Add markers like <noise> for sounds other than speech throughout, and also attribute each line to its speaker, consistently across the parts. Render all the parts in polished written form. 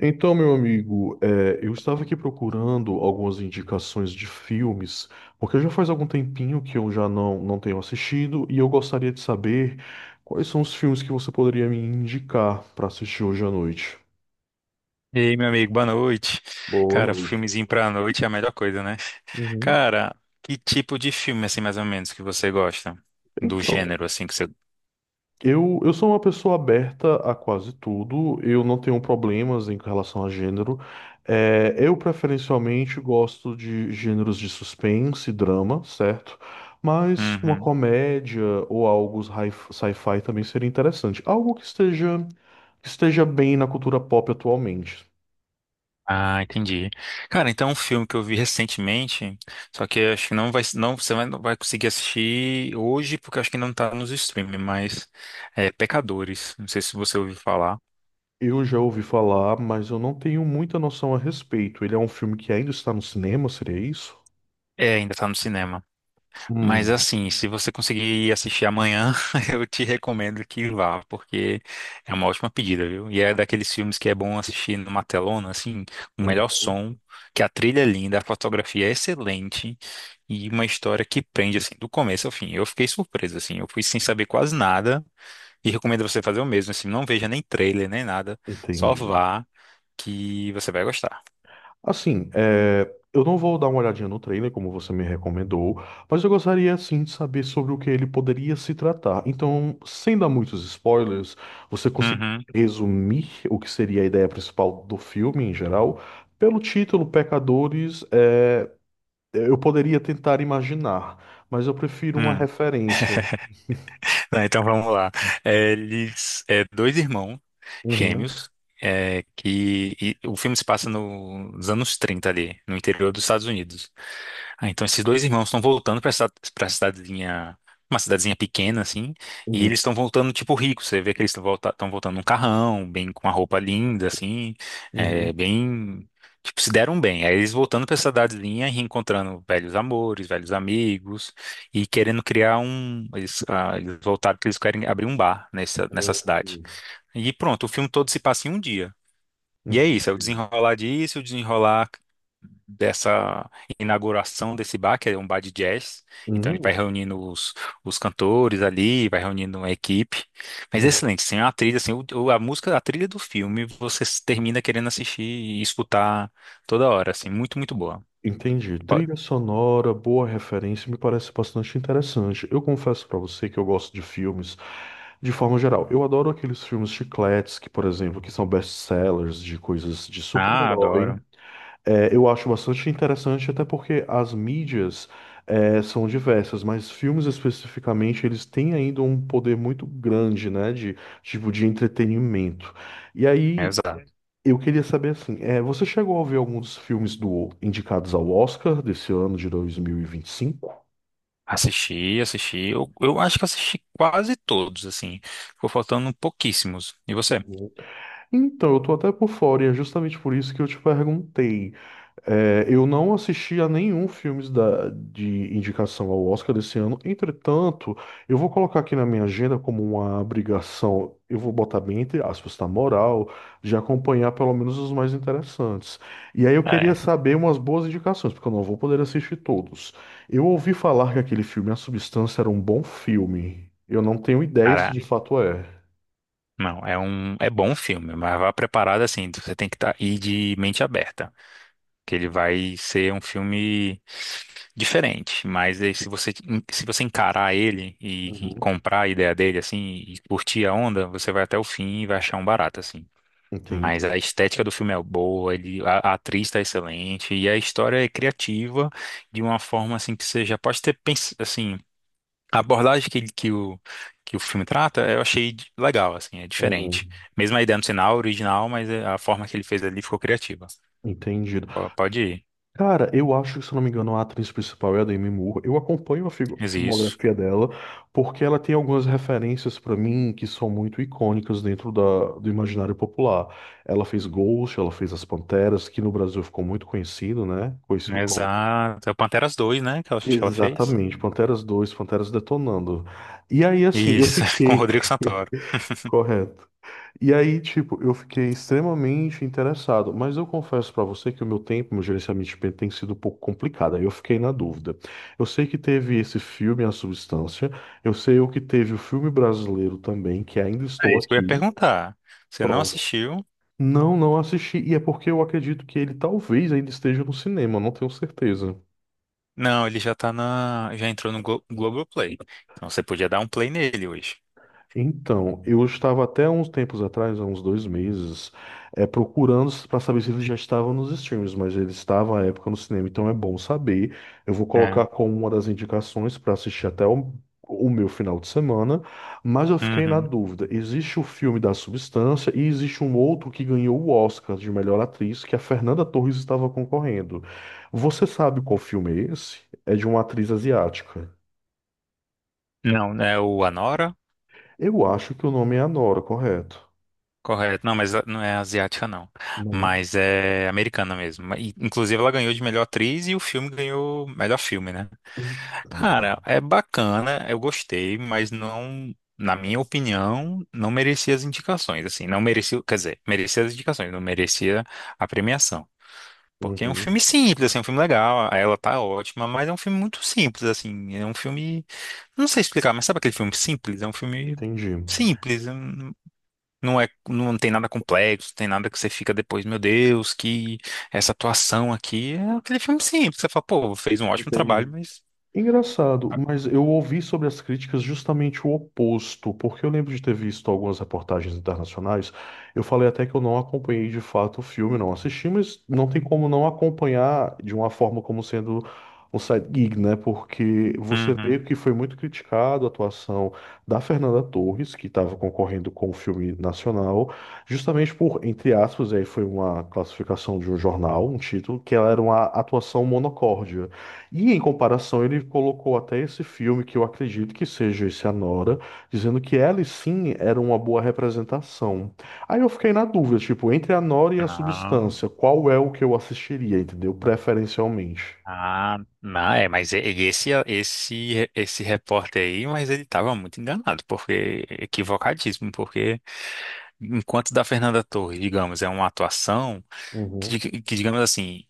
Speaker 1: Então, meu amigo, eu estava aqui procurando algumas indicações de filmes, porque já faz algum tempinho que eu já não tenho assistido e eu gostaria de saber quais são os filmes que você poderia me indicar para assistir hoje à noite.
Speaker 2: E aí, meu amigo, boa noite.
Speaker 1: Boa
Speaker 2: Cara,
Speaker 1: noite.
Speaker 2: filmezinho pra noite é a melhor coisa, né?
Speaker 1: Uhum.
Speaker 2: Cara, que tipo de filme, assim, mais ou menos, que você gosta? Do
Speaker 1: Então,
Speaker 2: gênero, assim, que você.
Speaker 1: Eu sou uma pessoa aberta a quase tudo, eu não tenho problemas em relação a gênero. É, eu preferencialmente gosto de gêneros de suspense, drama, certo? Mas uma
Speaker 2: Uhum.
Speaker 1: comédia ou algo sci-fi também seria interessante. Algo que esteja bem na cultura pop atualmente.
Speaker 2: Ah, entendi. Cara, então um filme que eu vi recentemente, só que eu acho que não vai, não, não vai conseguir assistir hoje, porque eu acho que não tá nos streaming, mas é Pecadores. Não sei se você ouviu falar.
Speaker 1: Eu já ouvi falar, mas eu não tenho muita noção a respeito. Ele é um filme que ainda está no cinema, seria isso?
Speaker 2: É, ainda tá no cinema. Mas
Speaker 1: Hum,
Speaker 2: assim, se você conseguir assistir amanhã, <laughs> eu te recomendo que vá, porque é uma ótima pedida, viu? E é daqueles filmes que é bom assistir numa telona, assim, o melhor
Speaker 1: uhum,
Speaker 2: som, que a trilha é linda, a fotografia é excelente e uma história que prende, assim, do começo ao fim. Eu fiquei surpreso, assim, eu fui sem saber quase nada e recomendo você fazer o mesmo, assim, não veja nem trailer, nem nada, só
Speaker 1: entendi.
Speaker 2: vá que você vai gostar.
Speaker 1: Assim, é, eu não vou dar uma olhadinha no trailer, como você me recomendou, mas eu gostaria sim de saber sobre o que ele poderia se tratar. Então, sem dar muitos spoilers, você consegue
Speaker 2: Uhum.
Speaker 1: resumir o que seria a ideia principal do filme em geral? Pelo título, Pecadores, é, eu poderia tentar imaginar, mas eu prefiro uma referência.
Speaker 2: <laughs> Não, então vamos lá. É, eles, é, dois irmãos
Speaker 1: Uhum,
Speaker 2: gêmeos, é, que e o filme se passa nos anos 30 ali, no interior dos Estados Unidos. Ah, então esses dois irmãos estão voltando para essa para cidadezinha, uma cidadezinha pequena assim, e
Speaker 1: uhum,
Speaker 2: eles estão voltando tipo ricos. Você vê que eles estão tão voltando num carrão, bem com uma roupa linda assim, é,
Speaker 1: uhum,
Speaker 2: bem tipo se deram bem. Aí eles voltando para essa cidadezinha e reencontrando velhos amores, velhos amigos e querendo criar um, eles, ah, eles voltaram que eles querem abrir um bar nessa
Speaker 1: uhum.
Speaker 2: cidade.
Speaker 1: Uhum.
Speaker 2: E pronto, o filme todo se passa em um dia. E é isso, é o
Speaker 1: Entendi.
Speaker 2: desenrolar disso, o desenrolar dessa inauguração desse bar, que é um bar de jazz. Então ele vai
Speaker 1: Uhum,
Speaker 2: reunindo os cantores ali, vai reunindo uma equipe. Mas é
Speaker 1: uhum.
Speaker 2: excelente, sem a trilha, assim, a música, a trilha do filme, você s- termina querendo assistir e escutar toda hora, assim, muito, muito boa.
Speaker 1: Entendi.
Speaker 2: Ó,
Speaker 1: Trilha sonora, boa referência, me parece bastante interessante. Eu confesso pra você que eu gosto de filmes de forma geral. Eu adoro aqueles filmes chicletes que, por exemplo, que são best-sellers de coisas de
Speaker 2: Ah,
Speaker 1: super-herói.
Speaker 2: adoro.
Speaker 1: É, eu acho bastante interessante, até porque as mídias, são diversas, mas filmes especificamente, eles têm ainda um poder muito grande, né, de tipo de entretenimento. E aí
Speaker 2: Exato.
Speaker 1: eu queria saber assim, é, você chegou a ver alguns dos filmes do indicados ao Oscar desse ano de 2025?
Speaker 2: Assisti, assisti. Eu acho que assisti quase todos, assim. Ficou faltando pouquíssimos. E você?
Speaker 1: Então, eu tô até por fora e é justamente por isso que eu te perguntei. É, eu não assisti a nenhum filme de indicação ao Oscar desse ano. Entretanto, eu vou colocar aqui na minha agenda como uma obrigação, eu vou botar bem entre aspas, tá, moral, de acompanhar pelo menos os mais interessantes. E aí eu queria
Speaker 2: É.
Speaker 1: saber umas boas indicações, porque eu não vou poder assistir todos. Eu ouvi falar que aquele filme, A Substância, era um bom filme. Eu não tenho ideia se
Speaker 2: Cara,
Speaker 1: de fato é.
Speaker 2: Não, é bom filme, mas vá preparado assim, você tem que tá, ir de mente aberta, que ele vai ser um filme diferente, mas aí se você se você encarar ele e,
Speaker 1: Uhum.
Speaker 2: comprar a ideia dele assim e curtir a onda, você vai até o fim e vai achar um barato assim. Mas
Speaker 1: Entendi.
Speaker 2: a estética do filme é boa, ele, a atriz está excelente e a história é criativa de uma forma assim que você já pode ter pensado assim a abordagem que, que o filme trata, eu achei legal, assim, é diferente.
Speaker 1: Uhum.
Speaker 2: Mesmo a ideia não sinal original, mas é, a forma que ele fez ali ficou criativa.
Speaker 1: Entendido.
Speaker 2: Pode ir.
Speaker 1: Cara, eu acho que, se eu não me engano, a atriz principal é a Demi Moore. Eu acompanho a a
Speaker 2: Mas isso.
Speaker 1: filmografia dela porque ela tem algumas referências pra mim que são muito icônicas dentro da, do imaginário popular. Ela fez Ghost, ela fez As Panteras, que no Brasil ficou muito conhecido, né? Conhecido como...
Speaker 2: Exato. É o Panteras Dois, né? Que eu acho que ela fez.
Speaker 1: Exatamente, Panteras 2, Panteras Detonando. E aí, assim, eu
Speaker 2: Isso, <laughs> com o
Speaker 1: fiquei...
Speaker 2: Rodrigo Santoro.
Speaker 1: <laughs> Correto. E aí, tipo, eu fiquei extremamente interessado, mas eu confesso pra você que o meu tempo, meu gerenciamento de tempo tem sido um pouco complicado, aí eu fiquei na dúvida. Eu sei que teve esse filme, A Substância, eu sei o que teve o filme brasileiro também, que ainda
Speaker 2: É
Speaker 1: estou
Speaker 2: isso que eu ia
Speaker 1: aqui,
Speaker 2: perguntar. Você não
Speaker 1: pronto.
Speaker 2: assistiu?
Speaker 1: Não, não assisti, e é porque eu acredito que ele talvez ainda esteja no cinema, não tenho certeza.
Speaker 2: Não, ele já tá na. Já entrou no Globoplay. Então você podia dar um play nele hoje.
Speaker 1: Então, eu estava até uns tempos atrás, há uns 2 meses, é, procurando para saber se ele já estava nos streams, mas ele estava à época no cinema, então é bom saber. Eu vou
Speaker 2: É.
Speaker 1: colocar como uma das indicações para assistir até o meu final de semana, mas eu fiquei na
Speaker 2: Uhum.
Speaker 1: dúvida. Existe o filme da Substância e existe um outro que ganhou o Oscar de melhor atriz, que é a Fernanda Torres estava concorrendo. Você sabe qual filme é esse? É de uma atriz asiática.
Speaker 2: Não, é o Anora?
Speaker 1: Eu acho que o nome é Anora, correto?
Speaker 2: Correto. Não, mas não é asiática, não.
Speaker 1: Não.
Speaker 2: Mas é americana mesmo. E, inclusive, ela ganhou de melhor atriz e o filme ganhou melhor filme, né?
Speaker 1: Então,
Speaker 2: Cara, é bacana, eu gostei, mas não, na minha opinião, não merecia as indicações, assim. Não merecia, quer dizer, merecia as indicações, não merecia a premiação. Porque é um
Speaker 1: uhum,
Speaker 2: filme simples, assim, é um filme legal, ela tá ótima, mas é um filme muito simples, assim. É um filme. Não sei explicar, mas sabe aquele filme simples? É um filme
Speaker 1: entendi,
Speaker 2: simples. Não é, não tem nada complexo, tem nada que você fica depois, meu Deus, que essa atuação aqui é aquele filme simples. Você fala, pô, fez um ótimo trabalho,
Speaker 1: entendi.
Speaker 2: mas.
Speaker 1: Engraçado,
Speaker 2: Ah.
Speaker 1: mas eu ouvi sobre as críticas justamente o oposto, porque eu lembro de ter visto algumas reportagens internacionais. Eu falei até que eu não acompanhei de fato o filme, não assisti, mas não tem como não acompanhar de uma forma como sendo um side gig, né? Porque você vê
Speaker 2: Uhum.
Speaker 1: que foi muito criticado a atuação da Fernanda Torres, que estava concorrendo com o filme nacional, justamente por, entre aspas, aí foi uma classificação de um jornal, um título, que ela era uma atuação monocórdia. E em comparação, ele colocou até esse filme, que eu acredito que seja esse Anora, dizendo que ela sim era uma boa representação. Aí eu fiquei na dúvida, tipo, entre a Nora e a
Speaker 2: Não.
Speaker 1: Substância, qual é o que eu assistiria, entendeu? Preferencialmente.
Speaker 2: Ah, não, é, mas e esse repórter aí, mas ele tava muito enganado, porque equivocadíssimo, porque enquanto da Fernanda Torres, digamos, é uma atuação. que,
Speaker 1: Uhum,
Speaker 2: dig- que, digamos assim,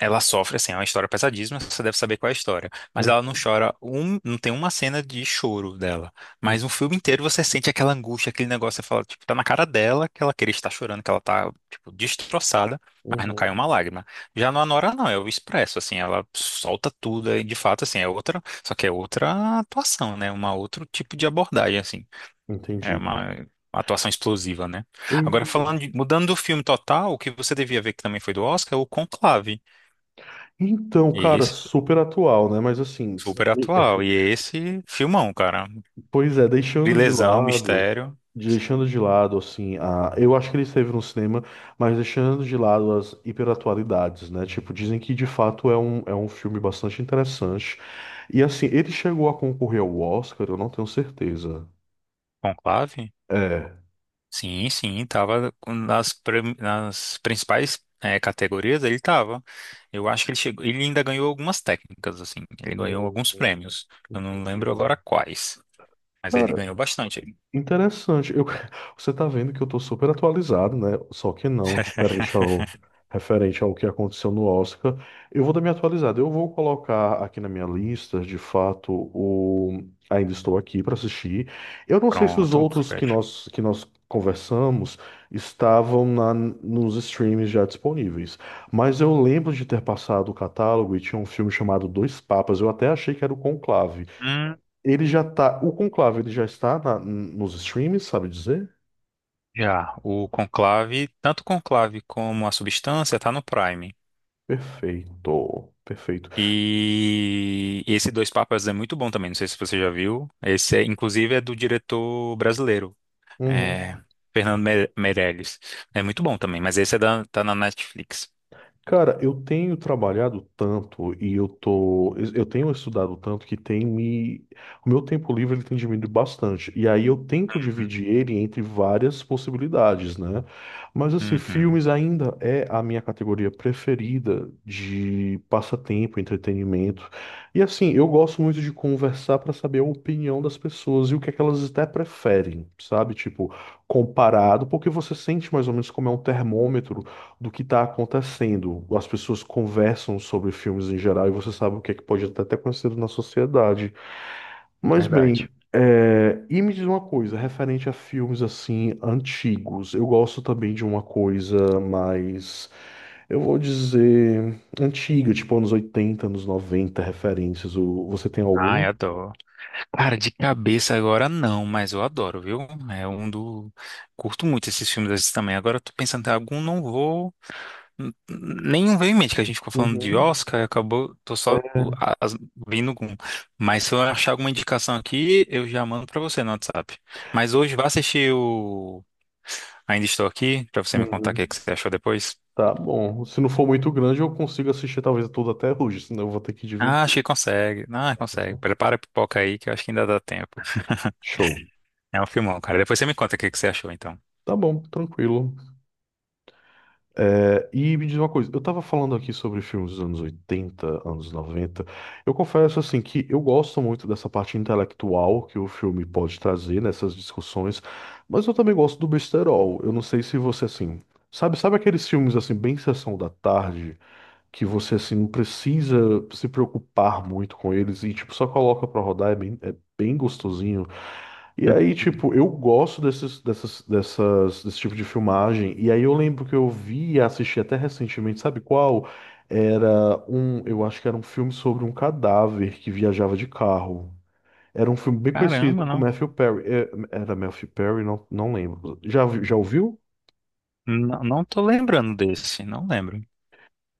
Speaker 2: ela sofre, assim, é uma história pesadíssima, você deve saber qual é a história. Mas ela não
Speaker 1: uhum,
Speaker 2: chora, não tem uma cena de choro dela. Mas o filme inteiro você sente aquela angústia, aquele negócio, você fala, tipo, tá na cara dela que ela queria estar chorando, que ela tá, tipo, destroçada, mas não cai
Speaker 1: uhum.
Speaker 2: uma lágrima. Já no Anora, não, é o expresso, assim, ela solta tudo, e de fato, assim, é outra, só que é outra atuação, né? Uma outro tipo de abordagem, assim. É
Speaker 1: Entendido.
Speaker 2: uma atuação explosiva, né?
Speaker 1: Eu
Speaker 2: Agora,
Speaker 1: entendi.
Speaker 2: mudando do filme total, o que você devia ver que também foi do Oscar é o Conclave.
Speaker 1: Então,
Speaker 2: E
Speaker 1: cara,
Speaker 2: esse
Speaker 1: super atual, né? Mas assim,
Speaker 2: super atual. E esse filmão, cara.
Speaker 1: pois é,
Speaker 2: Vilesão, mistério.
Speaker 1: deixando de lado, assim, eu acho que ele esteve no cinema, mas deixando de lado as hiperatualidades, né? Tipo, dizem que de fato é um filme bastante interessante. E assim, ele chegou a concorrer ao Oscar, eu não tenho certeza.
Speaker 2: Conclave?
Speaker 1: É.
Speaker 2: Sim, sim, tava nas principais categorias, ele tava. Eu acho que ele chegou, ele ainda ganhou algumas técnicas, assim. Ele ganhou
Speaker 1: Hum,
Speaker 2: alguns
Speaker 1: hum,
Speaker 2: prêmios. Eu não lembro
Speaker 1: entendi.
Speaker 2: agora quais, mas ele ganhou bastante.
Speaker 1: Interessante. Eu, <laughs> você tá vendo que eu tô super atualizado, né? Só que não, referente ao que aconteceu no Oscar. Eu vou dar minha atualizada. Eu vou colocar aqui na minha lista, de fato, o Ainda Estou Aqui para assistir. Eu não sei se os
Speaker 2: Pronto,
Speaker 1: outros
Speaker 2: fecha.
Speaker 1: que nós conversamos estavam na, nos streams já disponíveis. Mas eu lembro de ter passado o catálogo e tinha um filme chamado Dois Papas. Eu até achei que era o Conclave. Ele já tá. O Conclave, ele já está nos streams, sabe dizer?
Speaker 2: Já, o Conclave, tanto o Conclave como a Substância tá no Prime.
Speaker 1: Perfeito. Perfeito.
Speaker 2: E esse Dois Papas é muito bom também, não sei se você já viu. Esse é, inclusive é do diretor brasileiro,
Speaker 1: Uhum.
Speaker 2: é, Meirelles. É muito bom também, mas esse é da, tá na Netflix.
Speaker 1: Cara, eu tenho trabalhado tanto e eu tô, eu tenho estudado tanto que tem me, o meu tempo livre ele tem diminuído bastante. E aí eu tento
Speaker 2: Uhum,
Speaker 1: dividir ele entre várias possibilidades, né? Mas assim,
Speaker 2: uhum,
Speaker 1: filmes ainda é a minha categoria preferida de passatempo, entretenimento. E assim, eu gosto muito de conversar para saber a opinião das pessoas e o que é que elas até preferem, sabe? Tipo, comparado, porque você sente mais ou menos como é um termômetro do que está acontecendo. As pessoas conversam sobre filmes em geral e você sabe o que é que pode até ter acontecido na sociedade. Mas bem,
Speaker 2: verdade.
Speaker 1: é, e me diz uma coisa, referente a filmes assim antigos, eu gosto também de uma coisa mais, eu vou dizer, antiga, tipo anos 80, anos 90, referências. Você tem
Speaker 2: Ai,
Speaker 1: alguma?
Speaker 2: adoro. Cara, de cabeça agora não, mas eu adoro, viu? É um do. Curto muito esses filmes desses também. Agora eu tô pensando em algum, não vou. Nenhum veio em mente que a gente ficou falando de
Speaker 1: Uhum.
Speaker 2: Oscar, e acabou, tô só
Speaker 1: É,
Speaker 2: vindo com. Mas se eu achar alguma indicação aqui, eu já mando pra você no WhatsApp. Mas hoje vá assistir o Ainda Estou Aqui, pra você me contar o que
Speaker 1: uhum.
Speaker 2: que você achou depois.
Speaker 1: Tá bom. Se não for muito grande, eu consigo assistir talvez tudo até hoje, senão eu vou ter que
Speaker 2: Ah, acho
Speaker 1: dividir.
Speaker 2: que consegue. Ah, consegue. Prepara a pipoca aí, que eu acho que ainda dá tempo.
Speaker 1: Show.
Speaker 2: É um filmão, cara. Depois você me conta o que que você achou, então.
Speaker 1: Tá bom, tranquilo. É, e me diz uma coisa, eu tava falando aqui sobre filmes dos anos 80 anos noventa. Eu confesso, assim, que eu gosto muito dessa parte intelectual que o filme pode trazer nessas discussões, mas eu também gosto do besterol. Eu não sei se você, assim, sabe aqueles filmes, assim, bem sessão da tarde, que você, assim, não precisa se preocupar muito com eles e, tipo, só coloca pra rodar, é bem gostosinho. E aí,
Speaker 2: Uhum.
Speaker 1: tipo, eu gosto desse tipo de filmagem. E aí eu lembro que eu vi e assisti até recentemente, sabe qual? Era um, eu acho que era um filme sobre um cadáver que viajava de carro. Era um filme bem conhecido
Speaker 2: Caramba,
Speaker 1: com
Speaker 2: não.
Speaker 1: Matthew Perry. É, era Matthew Perry? Não, não lembro. Já ouviu?
Speaker 2: Não, não tô lembrando desse, não lembro.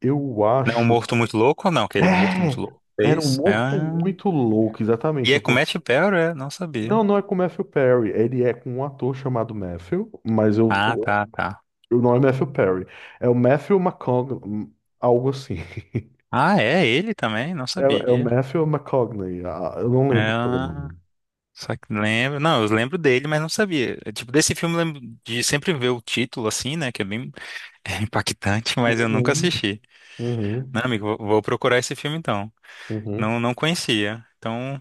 Speaker 1: Eu
Speaker 2: Não é um
Speaker 1: acho.
Speaker 2: morto muito louco ou não? Aquele um morto muito
Speaker 1: É!
Speaker 2: louco.
Speaker 1: Era um
Speaker 2: Fez.
Speaker 1: morto
Speaker 2: Ah.
Speaker 1: muito louco,
Speaker 2: E
Speaker 1: exatamente. É
Speaker 2: é com
Speaker 1: por-
Speaker 2: Matt Perry, é? Não
Speaker 1: Não,
Speaker 2: sabia.
Speaker 1: não é com Matthew Perry. Ele é com um ator chamado Matthew, mas eu...
Speaker 2: Ah, tá, tá.
Speaker 1: O nome é Matthew Perry. É o Matthew McConaughey, algo assim. <laughs>
Speaker 2: Ah, é ele também? Não
Speaker 1: É o
Speaker 2: sabia.
Speaker 1: Matthew McConaughey. Ah, eu não
Speaker 2: É.
Speaker 1: lembro o nome.
Speaker 2: Só que lembro, não, eu lembro dele, mas não sabia. É, tipo, desse filme eu lembro de sempre ver o título assim, né, que é bem <laughs> impactante, mas eu nunca
Speaker 1: Uhum,
Speaker 2: assisti.
Speaker 1: uhum,
Speaker 2: Não, amigo, vou procurar esse filme então.
Speaker 1: uhum.
Speaker 2: Não, não conhecia. Então,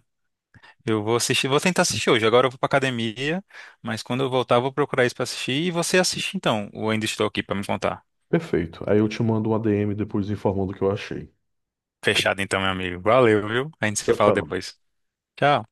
Speaker 2: eu vou assistir, vou tentar assistir hoje. Agora eu vou pra academia, mas quando eu voltar eu vou procurar isso pra assistir e você assiste então. O ainda estou aqui pra me contar.
Speaker 1: Perfeito. Aí eu te mando um ADM depois informando o que eu achei.
Speaker 2: Fechado então, meu amigo. Valeu, viu? A gente se
Speaker 1: Tchau,
Speaker 2: fala
Speaker 1: tchau.
Speaker 2: depois. Tchau.